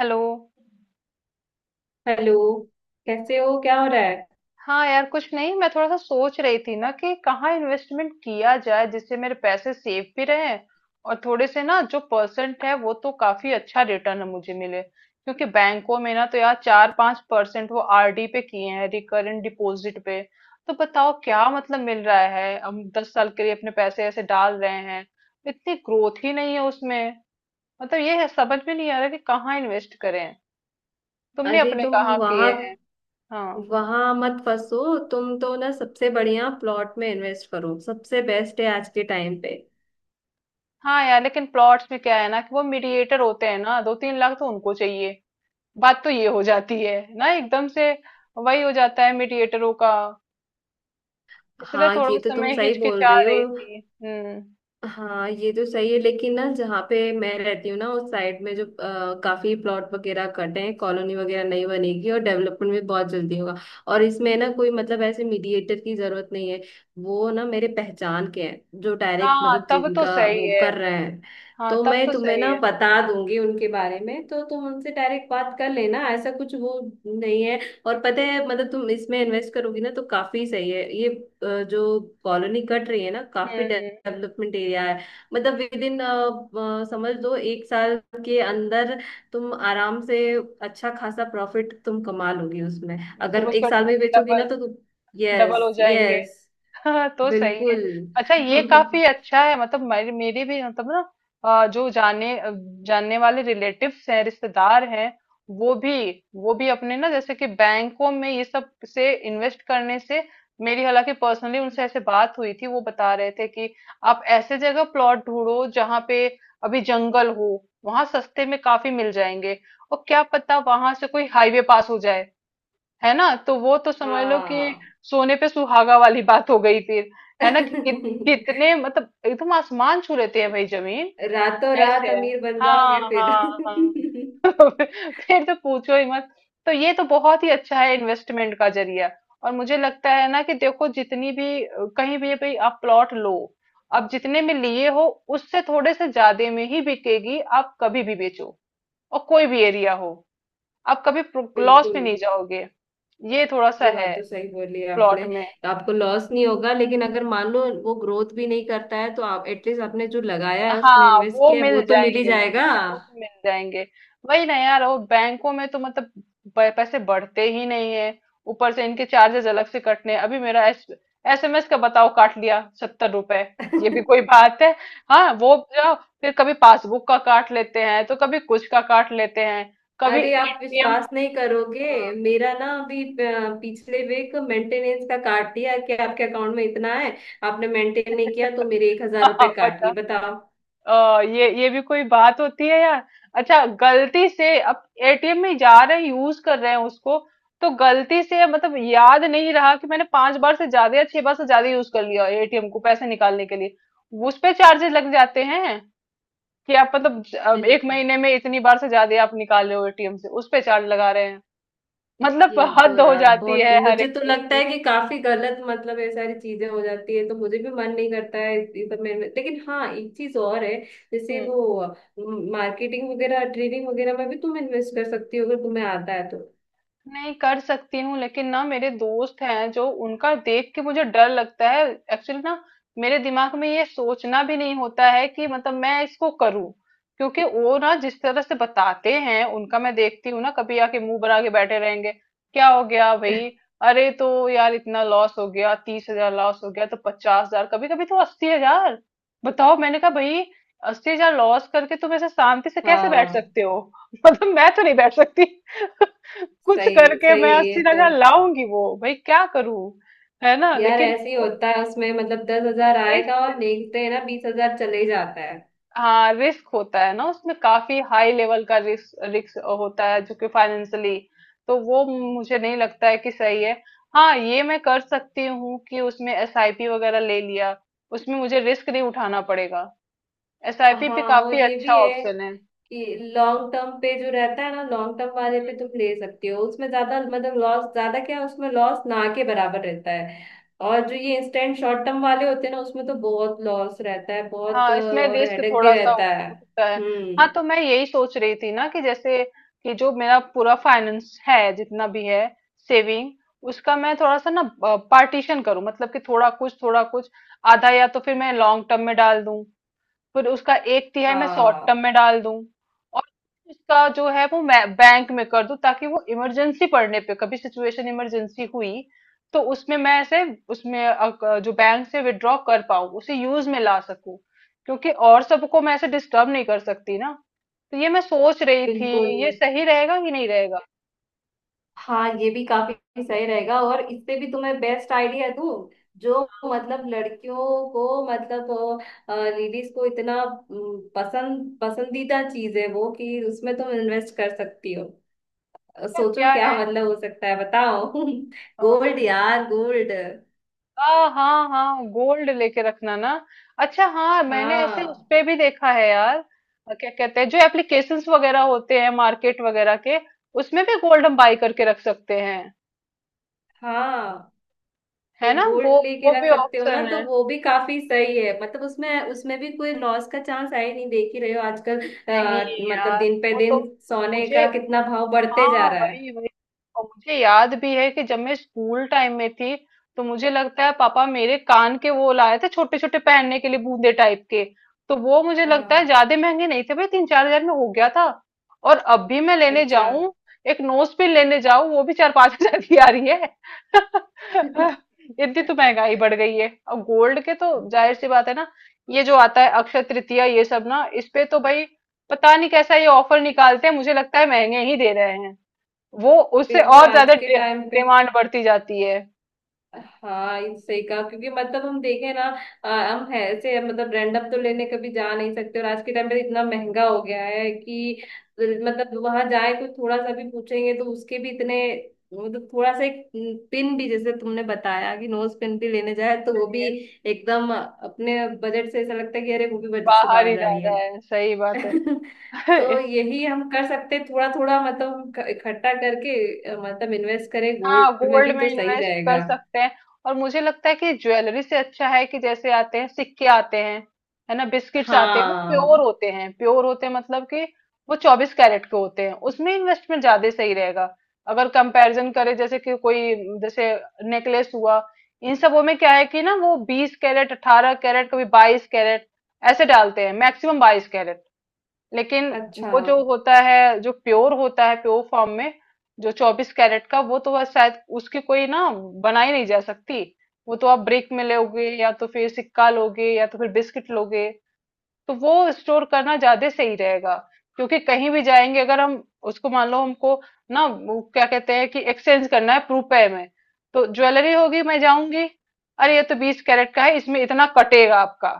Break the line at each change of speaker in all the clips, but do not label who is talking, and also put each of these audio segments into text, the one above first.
Hello.
Hello. कैसे हो? क्या हो रहा है?
हाँ यार, कुछ नहीं। मैं थोड़ा सा सोच रही थी ना कि कहाँ इन्वेस्टमेंट किया जाए जिससे मेरे पैसे सेफ भी रहे और थोड़े से ना जो परसेंट है वो तो काफी अच्छा रिटर्न मुझे मिले, क्योंकि बैंकों में ना तो यार 4-5 परसेंट वो आरडी पे किए हैं, रिकरेंट डिपॉजिट पे। तो बताओ क्या मतलब मिल रहा है। हम 10 साल के लिए अपने पैसे ऐसे डाल रहे हैं, इतनी ग्रोथ ही नहीं है उसमें। मतलब ये है, समझ में नहीं आ रहा कि कहाँ इन्वेस्ट करें। तुमने
अरे,
अपने
तुम
कहाँ किए
वहां
हैं? हाँ।
वहां मत फंसो। तुम तो ना सबसे बढ़िया प्लॉट में इन्वेस्ट करो, सबसे बेस्ट है आज के टाइम पे।
हाँ यार, लेकिन प्लॉट्स में क्या है ना कि वो मीडिएटर होते हैं ना, 2-3 लाख तो उनको चाहिए। बात तो ये हो जाती है ना एकदम से। वही हो जाता है मीडिएटरों का। इसलिए
हाँ,
थोड़ा
ये तो तुम
समय
सही बोल
हिचकिचा
रहे हो।
रही थी। हम्म।
हाँ, ये तो सही है, लेकिन ना जहाँ पे मैं रहती हूँ ना, उस साइड में जो काफी प्लॉट वगैरह कटे हैं, कॉलोनी वगैरह नहीं बनेगी, और डेवलपमेंट भी बहुत जल्दी होगा। और इसमें ना कोई मतलब ऐसे मीडिएटर की जरूरत नहीं है। वो ना मेरे पहचान के हैं, जो डायरेक्ट
हाँ
मतलब
तब तो
जिनका
सही
वो
है।
कर रहे हैं।
हाँ
तो
तब
मैं
तो
तुम्हें
सही
ना
है।
बता दूंगी उनके बारे में, तो तुम उनसे डायरेक्ट बात कर लेना, ऐसा कुछ वो नहीं है। और पता है, मतलब तुम इसमें इन्वेस्ट करोगी ना तो काफी सही है। ये जो कॉलोनी कट रही है ना, काफी
हम्म।
डेवलपमेंट एरिया है। मतलब विद इन, समझ लो एक साल के अंदर तुम आराम से अच्छा खासा प्रॉफिट तुम कमा लोगी उसमें।
मतलब
अगर
उसका
एक साल में बेचोगी ना
डबल।
तो तुम,
डबल हो
यस
जाएंगे।
यस।
हाँ तो सही है।
बिल्कुल।
अच्छा ये काफी अच्छा है, मतलब मेरी मेरी भी मतलब ना, जो जानने वाले रिलेटिव्स हैं, रिश्तेदार हैं, वो भी वो भी अपने ना जैसे कि बैंकों में ये सब से इन्वेस्ट करने से। मेरी हालांकि पर्सनली उनसे ऐसे बात हुई थी, वो बता रहे थे कि आप ऐसे जगह प्लॉट ढूंढो जहाँ पे अभी जंगल हो, वहां सस्ते में काफी मिल जाएंगे। और क्या पता वहां से कोई हाईवे पास हो जाए, है ना, तो वो तो समझ लो कि
हाँ।
सोने पे सुहागा वाली बात हो गई फिर। है ना कि कितने, मतलब एकदम आसमान छू लेती है भाई जमीन।
रातों
ऐसे
रात
है।
अमीर बन
हाँ
जाओगे फिर।
हाँ हाँ। फिर तो पूछो ही मत। तो ये तो बहुत ही अच्छा है इन्वेस्टमेंट का जरिया। और मुझे लगता है ना कि देखो जितनी भी कहीं भी भाई आप प्लॉट लो, आप जितने में लिए हो उससे थोड़े से ज्यादा में ही बिकेगी। आप कभी भी बेचो और कोई भी एरिया हो, आप कभी लॉस
बिल्कुल।
में नहीं जाओगे। ये थोड़ा सा
ये बात
है
तो सही बोली है
प्लॉट
आपने।
में।
आपको लॉस नहीं होगा, लेकिन अगर मान लो वो ग्रोथ भी नहीं करता है, तो आप एटलीस्ट आपने जो लगाया है, उसमें
हाँ,
इन्वेस्ट
वो
किया है,
मिल
वो तो मिल ही
जाएंगे मुझे,
जाएगा।
वो तो मिल जाएंगे। वही ना यार, वो बैंकों में तो मतलब पैसे बढ़ते ही नहीं है। ऊपर से इनके चार्जेस अलग से कटने हैं। अभी मेरा एस एसएमएस का बताओ काट लिया 70 रुपए। ये भी कोई बात है। हाँ वो जाओ। फिर कभी पासबुक का काट लेते हैं तो कभी कुछ का काट लेते हैं, कभी
अरे, आप
एटीएम।
विश्वास नहीं करोगे मेरा ना, अभी पिछले वीक मेंटेनेंस का काट दिया कि आपके अकाउंट में इतना है, आपने मेंटेन नहीं किया, तो मेरे एक हजार
हाँ,
रुपए काट लिए
बताओ।
बताओ।
ये भी कोई बात होती है यार। अच्छा, गलती से अब एटीएम में जा रहे हैं, यूज कर रहे हैं उसको, तो गलती से मतलब याद नहीं रहा कि मैंने 5 बार से ज्यादा या 6 बार से ज्यादा यूज कर लिया एटीएम को पैसे निकालने के लिए। उस पे चार्जेस लग जाते हैं कि आप मतलब अब एक
बिल्कुल।
महीने में इतनी बार से ज्यादा आप निकाल रहे हो एटीएम से, उस पे चार्ज लगा रहे हैं। मतलब
ये तो
हद हो
यार
जाती
बहुत,
है हर
मुझे
एक
तो
चीज
लगता
की।
है कि काफी गलत मतलब ये सारी चीजें हो जाती है, तो मुझे भी मन नहीं करता है इस सब में लेकिन हाँ एक चीज और है। जैसे
हम्म।
वो मार्केटिंग वगैरह, ट्रेडिंग वगैरह में भी तुम इन्वेस्ट कर सकती हो अगर तुम्हें आता है तो।
नहीं कर सकती हूँ, लेकिन ना मेरे दोस्त हैं जो, उनका देख के मुझे डर लगता है। एक्चुअली ना, मेरे दिमाग में ये सोचना भी नहीं होता है कि मतलब मैं इसको करूँ, क्योंकि वो ना जिस तरह से बताते हैं, उनका मैं देखती हूँ ना, कभी आके मुंह बना के बैठे रहेंगे। क्या हो गया भाई? अरे तो यार इतना लॉस हो गया, 30 हजार लॉस हो गया, तो 50 हजार, कभी कभी तो 80 हजार। बताओ। मैंने कहा भाई, 80 हजार लॉस करके तुम ऐसे शांति से कैसे बैठ
हाँ।
सकते हो? मतलब मैं तो नहीं बैठ सकती। कुछ
सही
करके
सही
मैं
है ये
अस्सी
तो।
हजार लाऊंगी वो, भाई क्या करूं। है ना,
यार
लेकिन
ऐसे ही
वो
होता है उसमें, मतलब 10,000 आएगा
रिस्क।
और देखते हैं ना 20,000 चले जाता है।
हाँ, रिस्क होता है ना उसमें, काफी हाई लेवल का रिस्क रिस्क होता है जो कि फाइनेंशियली। तो वो मुझे नहीं लगता है कि सही है। हाँ, ये मैं कर सकती हूँ कि उसमें एसआईपी वगैरह ले लिया, उसमें मुझे रिस्क नहीं उठाना पड़ेगा। एसआईपी
हाँ,
भी काफी
और ये
अच्छा
भी है।
ऑप्शन है।
लॉन्ग टर्म पे जो रहता है ना, लॉन्ग टर्म वाले पे तुम ले सकती हो, उसमें ज्यादा मतलब लॉस ज्यादा क्या, उसमें लॉस ना के बराबर रहता है। और जो ये इंस्टेंट शॉर्ट टर्म वाले होते हैं ना, उसमें तो बहुत लॉस रहता है, बहुत
हाँ, इसमें
और
रिस्क
हेडेक भी
थोड़ा सा
रहता है।
हो सकता है।
हम्म।
हाँ तो मैं यही सोच रही थी ना कि जैसे कि जो मेरा पूरा फाइनेंस है जितना भी है, सेविंग, उसका मैं थोड़ा सा ना पार्टीशन करूं, मतलब कि थोड़ा कुछ थोड़ा कुछ। आधा या तो फिर मैं लॉन्ग टर्म में डाल दूं, फिर उसका एक तिहाई मैं शॉर्ट टर्म
हाँ।
में डाल दूं, और उसका जो है वो मैं बैंक में कर दूं, ताकि वो इमरजेंसी पड़ने पे कभी सिचुएशन इमरजेंसी हुई तो उसमें मैं ऐसे उसमें जो बैंक से विड्रॉ कर पाऊं उसे यूज में ला सकूं, क्योंकि और सबको मैं ऐसे डिस्टर्ब नहीं कर सकती ना। तो ये मैं सोच रही
बिल्कुल।
थी, ये सही रहेगा कि नहीं रहेगा?
हाँ, ये भी काफी सही रहेगा। और इससे भी तुम्हें बेस्ट आइडिया दूँ। जो मतलब लड़कियों को, मतलब लेडीज को इतना पसंद, पसंदीदा चीज है वो, कि उसमें तुम इन्वेस्ट कर सकती हो।
क्या
सोचो
क्या
क्या मतलब हो सकता है, बताओ।
है?
गोल्ड यार, गोल्ड।
हाँ हाँ हाँ, गोल्ड लेके रखना ना। अच्छा हाँ, मैंने ऐसे उस
हाँ
पे भी देखा है यार। क्या कहते हैं, जो एप्लीकेशंस वगैरह होते हैं मार्केट वगैरह के, उसमें भी गोल्ड हम बाई करके रख सकते हैं।
हाँ।
है
तो
ना
गोल्ड
वो
लेके
वो भी
रख सकते हो ना,
ऑप्शन
तो
है।
वो भी काफी सही है। मतलब उसमें उसमें भी कोई लॉस का चांस है ही नहीं। देख ही रहे हो आजकल,
नहीं
मतलब
यार,
दिन पे
वो तो
दिन सोने
मुझे।
का कितना भाव बढ़ते जा
हाँ,
रहा है।
वही वही। और मुझे याद भी है कि जब मैं स्कूल टाइम में थी, तो मुझे लगता है पापा मेरे कान के वो लाए थे, छोटे छोटे पहनने के लिए बूंदे टाइप के। तो वो मुझे लगता है
हाँ।
ज्यादा महंगे नहीं थे भाई, 3-4 हजार में हो गया था। और अब भी मैं लेने
अच्छा।
जाऊं, एक नोज पिन लेने जाऊं वो भी 4-5 हजार की आ रही है। इतनी तो महंगाई बढ़ गई है, और गोल्ड के तो जाहिर सी बात है ना। ये जो आता है अक्षय तृतीया, ये सब ना इस पे तो भाई पता नहीं कैसा ये ऑफर निकालते हैं, मुझे लगता है महंगे ही दे रहे हैं वो, उससे
बिल्कुल।
और
आज
ज्यादा
के टाइम पे
डिमांड बढ़ती जाती है।
हाँ, ये सही कहा, क्योंकि मतलब हम देखें ना, हम है ऐसे, मतलब रैंडम तो लेने कभी जा नहीं सकते, और आज के टाइम पे इतना महंगा हो गया है कि मतलब वहां जाए तो थोड़ा सा भी पूछेंगे तो उसके भी इतने, मतलब थोड़ा सा एक पिन भी, जैसे तुमने बताया कि नोज पिन भी लेने जाए, तो वो भी एकदम अपने बजट से, ऐसा लगता है कि अरे, वो भी बजट से
बाहर ही
बाहर जा
जा
रही
रहा
है।
है, सही बात है।
तो यही हम कर सकते हैं, थोड़ा थोड़ा मतलब हम इकट्ठा करके मतलब इन्वेस्ट करें
हाँ,
गोल्ड में
गोल्ड
भी
में
तो सही
इन्वेस्ट कर
रहेगा।
सकते हैं। और मुझे लगता है कि ज्वेलरी से अच्छा है कि जैसे आते हैं सिक्के आते हैं, है ना, बिस्किट्स आते हैं, वो
हाँ।
प्योर होते हैं प्योर होते हैं, मतलब कि वो 24 कैरेट के होते हैं, उसमें इन्वेस्टमेंट ज्यादा सही रहेगा। अगर कंपैरिजन करें, जैसे कि कोई जैसे नेकलेस हुआ, इन सबों में क्या है कि ना वो 20 कैरेट 18 कैरेट कभी 22 कैरेट ऐसे डालते हैं, मैक्सिमम 22 कैरेट। लेकिन
अच्छा।
वो जो होता है जो प्योर होता है प्योर फॉर्म में, जो 24 कैरेट का, वो तो बस शायद उसकी कोई ना बनाई नहीं जा सकती। वो तो आप ब्रिक में लोगे या तो फिर सिक्का लोगे या तो फिर बिस्किट लोगे, तो वो स्टोर करना ज्यादा सही रहेगा। क्योंकि कहीं भी जाएंगे अगर हम उसको मान लो, हमको ना वो क्या कहते हैं कि एक्सचेंज करना है रुपए में, तो ज्वेलरी होगी, मैं जाऊंगी, अरे ये तो 20 कैरेट का है, इसमें इतना कटेगा आपका।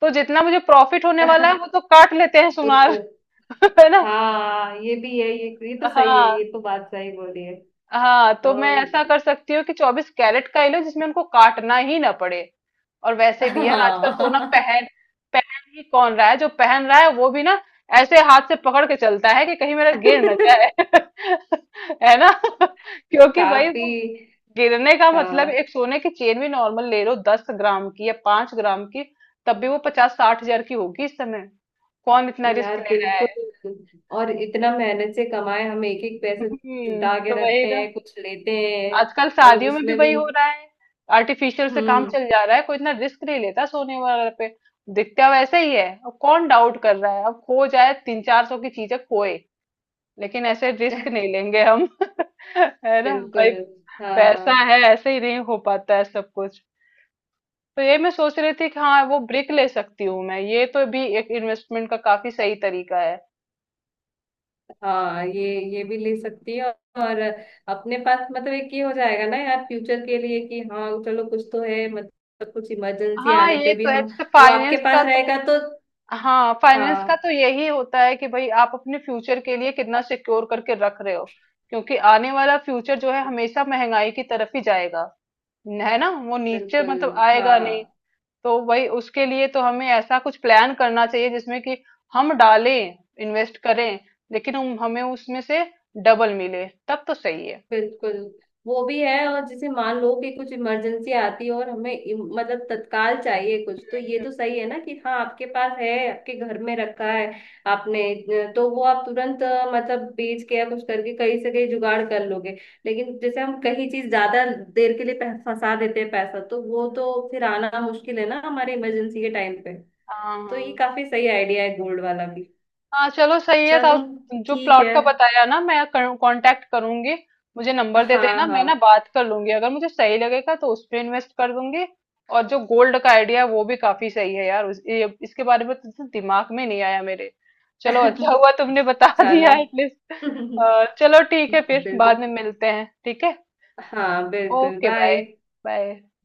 तो जितना मुझे प्रॉफिट होने वाला है वो तो काट लेते हैं सुनार।
उत्तर।
है ना।
हाँ, ये भी है। ये तो सही है,
हाँ।
ये तो बात सही बोली है
हाँ तो
तो।
मैं ऐसा कर सकती हूँ कि 24 कैरेट का ही लो जिसमें उनको काटना ही ना पड़े। और वैसे भी यार, आजकल सोना
हाँ।
पहन पहन ही कौन रहा है? जो पहन रहा है वो भी ना ऐसे हाथ से पकड़ के चलता है कि कहीं मेरा गिर ना जाए। है ना। क्योंकि भाई
काफी।
वो गिरने का मतलब,
हाँ
एक सोने की चेन भी नॉर्मल ले लो 10 ग्राम की या 5 ग्राम की, तब भी वो 50-60 हजार की होगी इस समय। कौन इतना रिस्क
यार,
ले रहा है?
बिल्कुल। और इतना मेहनत से कमाए हम एक एक पैसे जुटा के
तो वही
रखते
ना।
हैं, कुछ लेते हैं,
आजकल
और
शादियों में भी
उसमें भी।
वही हो रहा है, आर्टिफिशियल से काम
हम्म।
चल जा रहा है, कोई इतना रिस्क नहीं लेता सोने वगैरह पे। दिखता वैसे ही है, अब कौन डाउट कर रहा है, अब खो जाए, 300-400 की चीजें खोए, लेकिन ऐसे रिस्क नहीं लेंगे हम। है ना भाई।
बिल्कुल।
पैसा
हाँ
है, ऐसे ही नहीं हो पाता है सब कुछ। तो ये मैं सोच रही थी कि हाँ, वो ब्रिक ले सकती हूँ मैं, ये तो भी एक इन्वेस्टमेंट का काफी सही तरीका है।
हाँ। ये भी ले सकती है। और अपने पास मतलब एक ये हो जाएगा ना यार फ्यूचर के लिए कि हाँ चलो, कुछ तो है, मतलब कुछ इमरजेंसी
हाँ
आने
ये
पे भी
तो है,
हम,
जैसे
वो आपके
फाइनेंस का
पास
तो।
रहेगा तो।
हाँ, फाइनेंस का
हाँ,
तो यही होता है कि भाई आप अपने फ्यूचर के लिए कितना सिक्योर करके रख रहे हो, क्योंकि आने वाला फ्यूचर जो है हमेशा महंगाई की तरफ ही जाएगा, है ना, वो नीचे
बिल्कुल।
मतलब आएगा नहीं।
हाँ
तो भाई उसके लिए तो हमें ऐसा कुछ प्लान करना चाहिए जिसमें कि हम डालें, इन्वेस्ट करें, लेकिन हम हमें उसमें से डबल मिले तब तो सही है।
बिल्कुल। वो भी है। और जैसे मान लो कि कुछ इमरजेंसी आती है और हमें मतलब तत्काल चाहिए कुछ, तो ये तो सही है ना कि हाँ आपके पास है, आपके घर में रखा है आपने, तो वो आप तुरंत मतलब बेच के या कुछ करके कहीं से कहीं जुगाड़ कर लोगे। लेकिन जैसे हम कहीं चीज ज्यादा देर के लिए फंसा देते हैं पैसा, तो वो तो फिर आना मुश्किल है ना हमारे इमरजेंसी के टाइम पे।
हाँ
तो ये
हाँ
काफी सही आइडिया है गोल्ड वाला भी।
हाँ। चलो सही है तो।
चलो
जो
ठीक
प्लॉट
है।
का बताया ना, मैं कांटेक्ट करूंगी, मुझे नंबर दे
हाँ
देना, मैं ना
हाँ।
बात कर लूंगी, अगर मुझे सही लगेगा तो उस पे इन्वेस्ट कर दूंगी। और जो गोल्ड का आइडिया वो भी काफी सही है यार, इसके बारे में तो दिमाग में नहीं आया मेरे। चलो अच्छा हुआ तुमने बता दिया
चलो।
एटलीस्ट। चलो ठीक है, फिर
बिल्कुल।
बाद में मिलते हैं। ठीक है।
हाँ बिल्कुल।
Okay bye.
बाय।
बाय।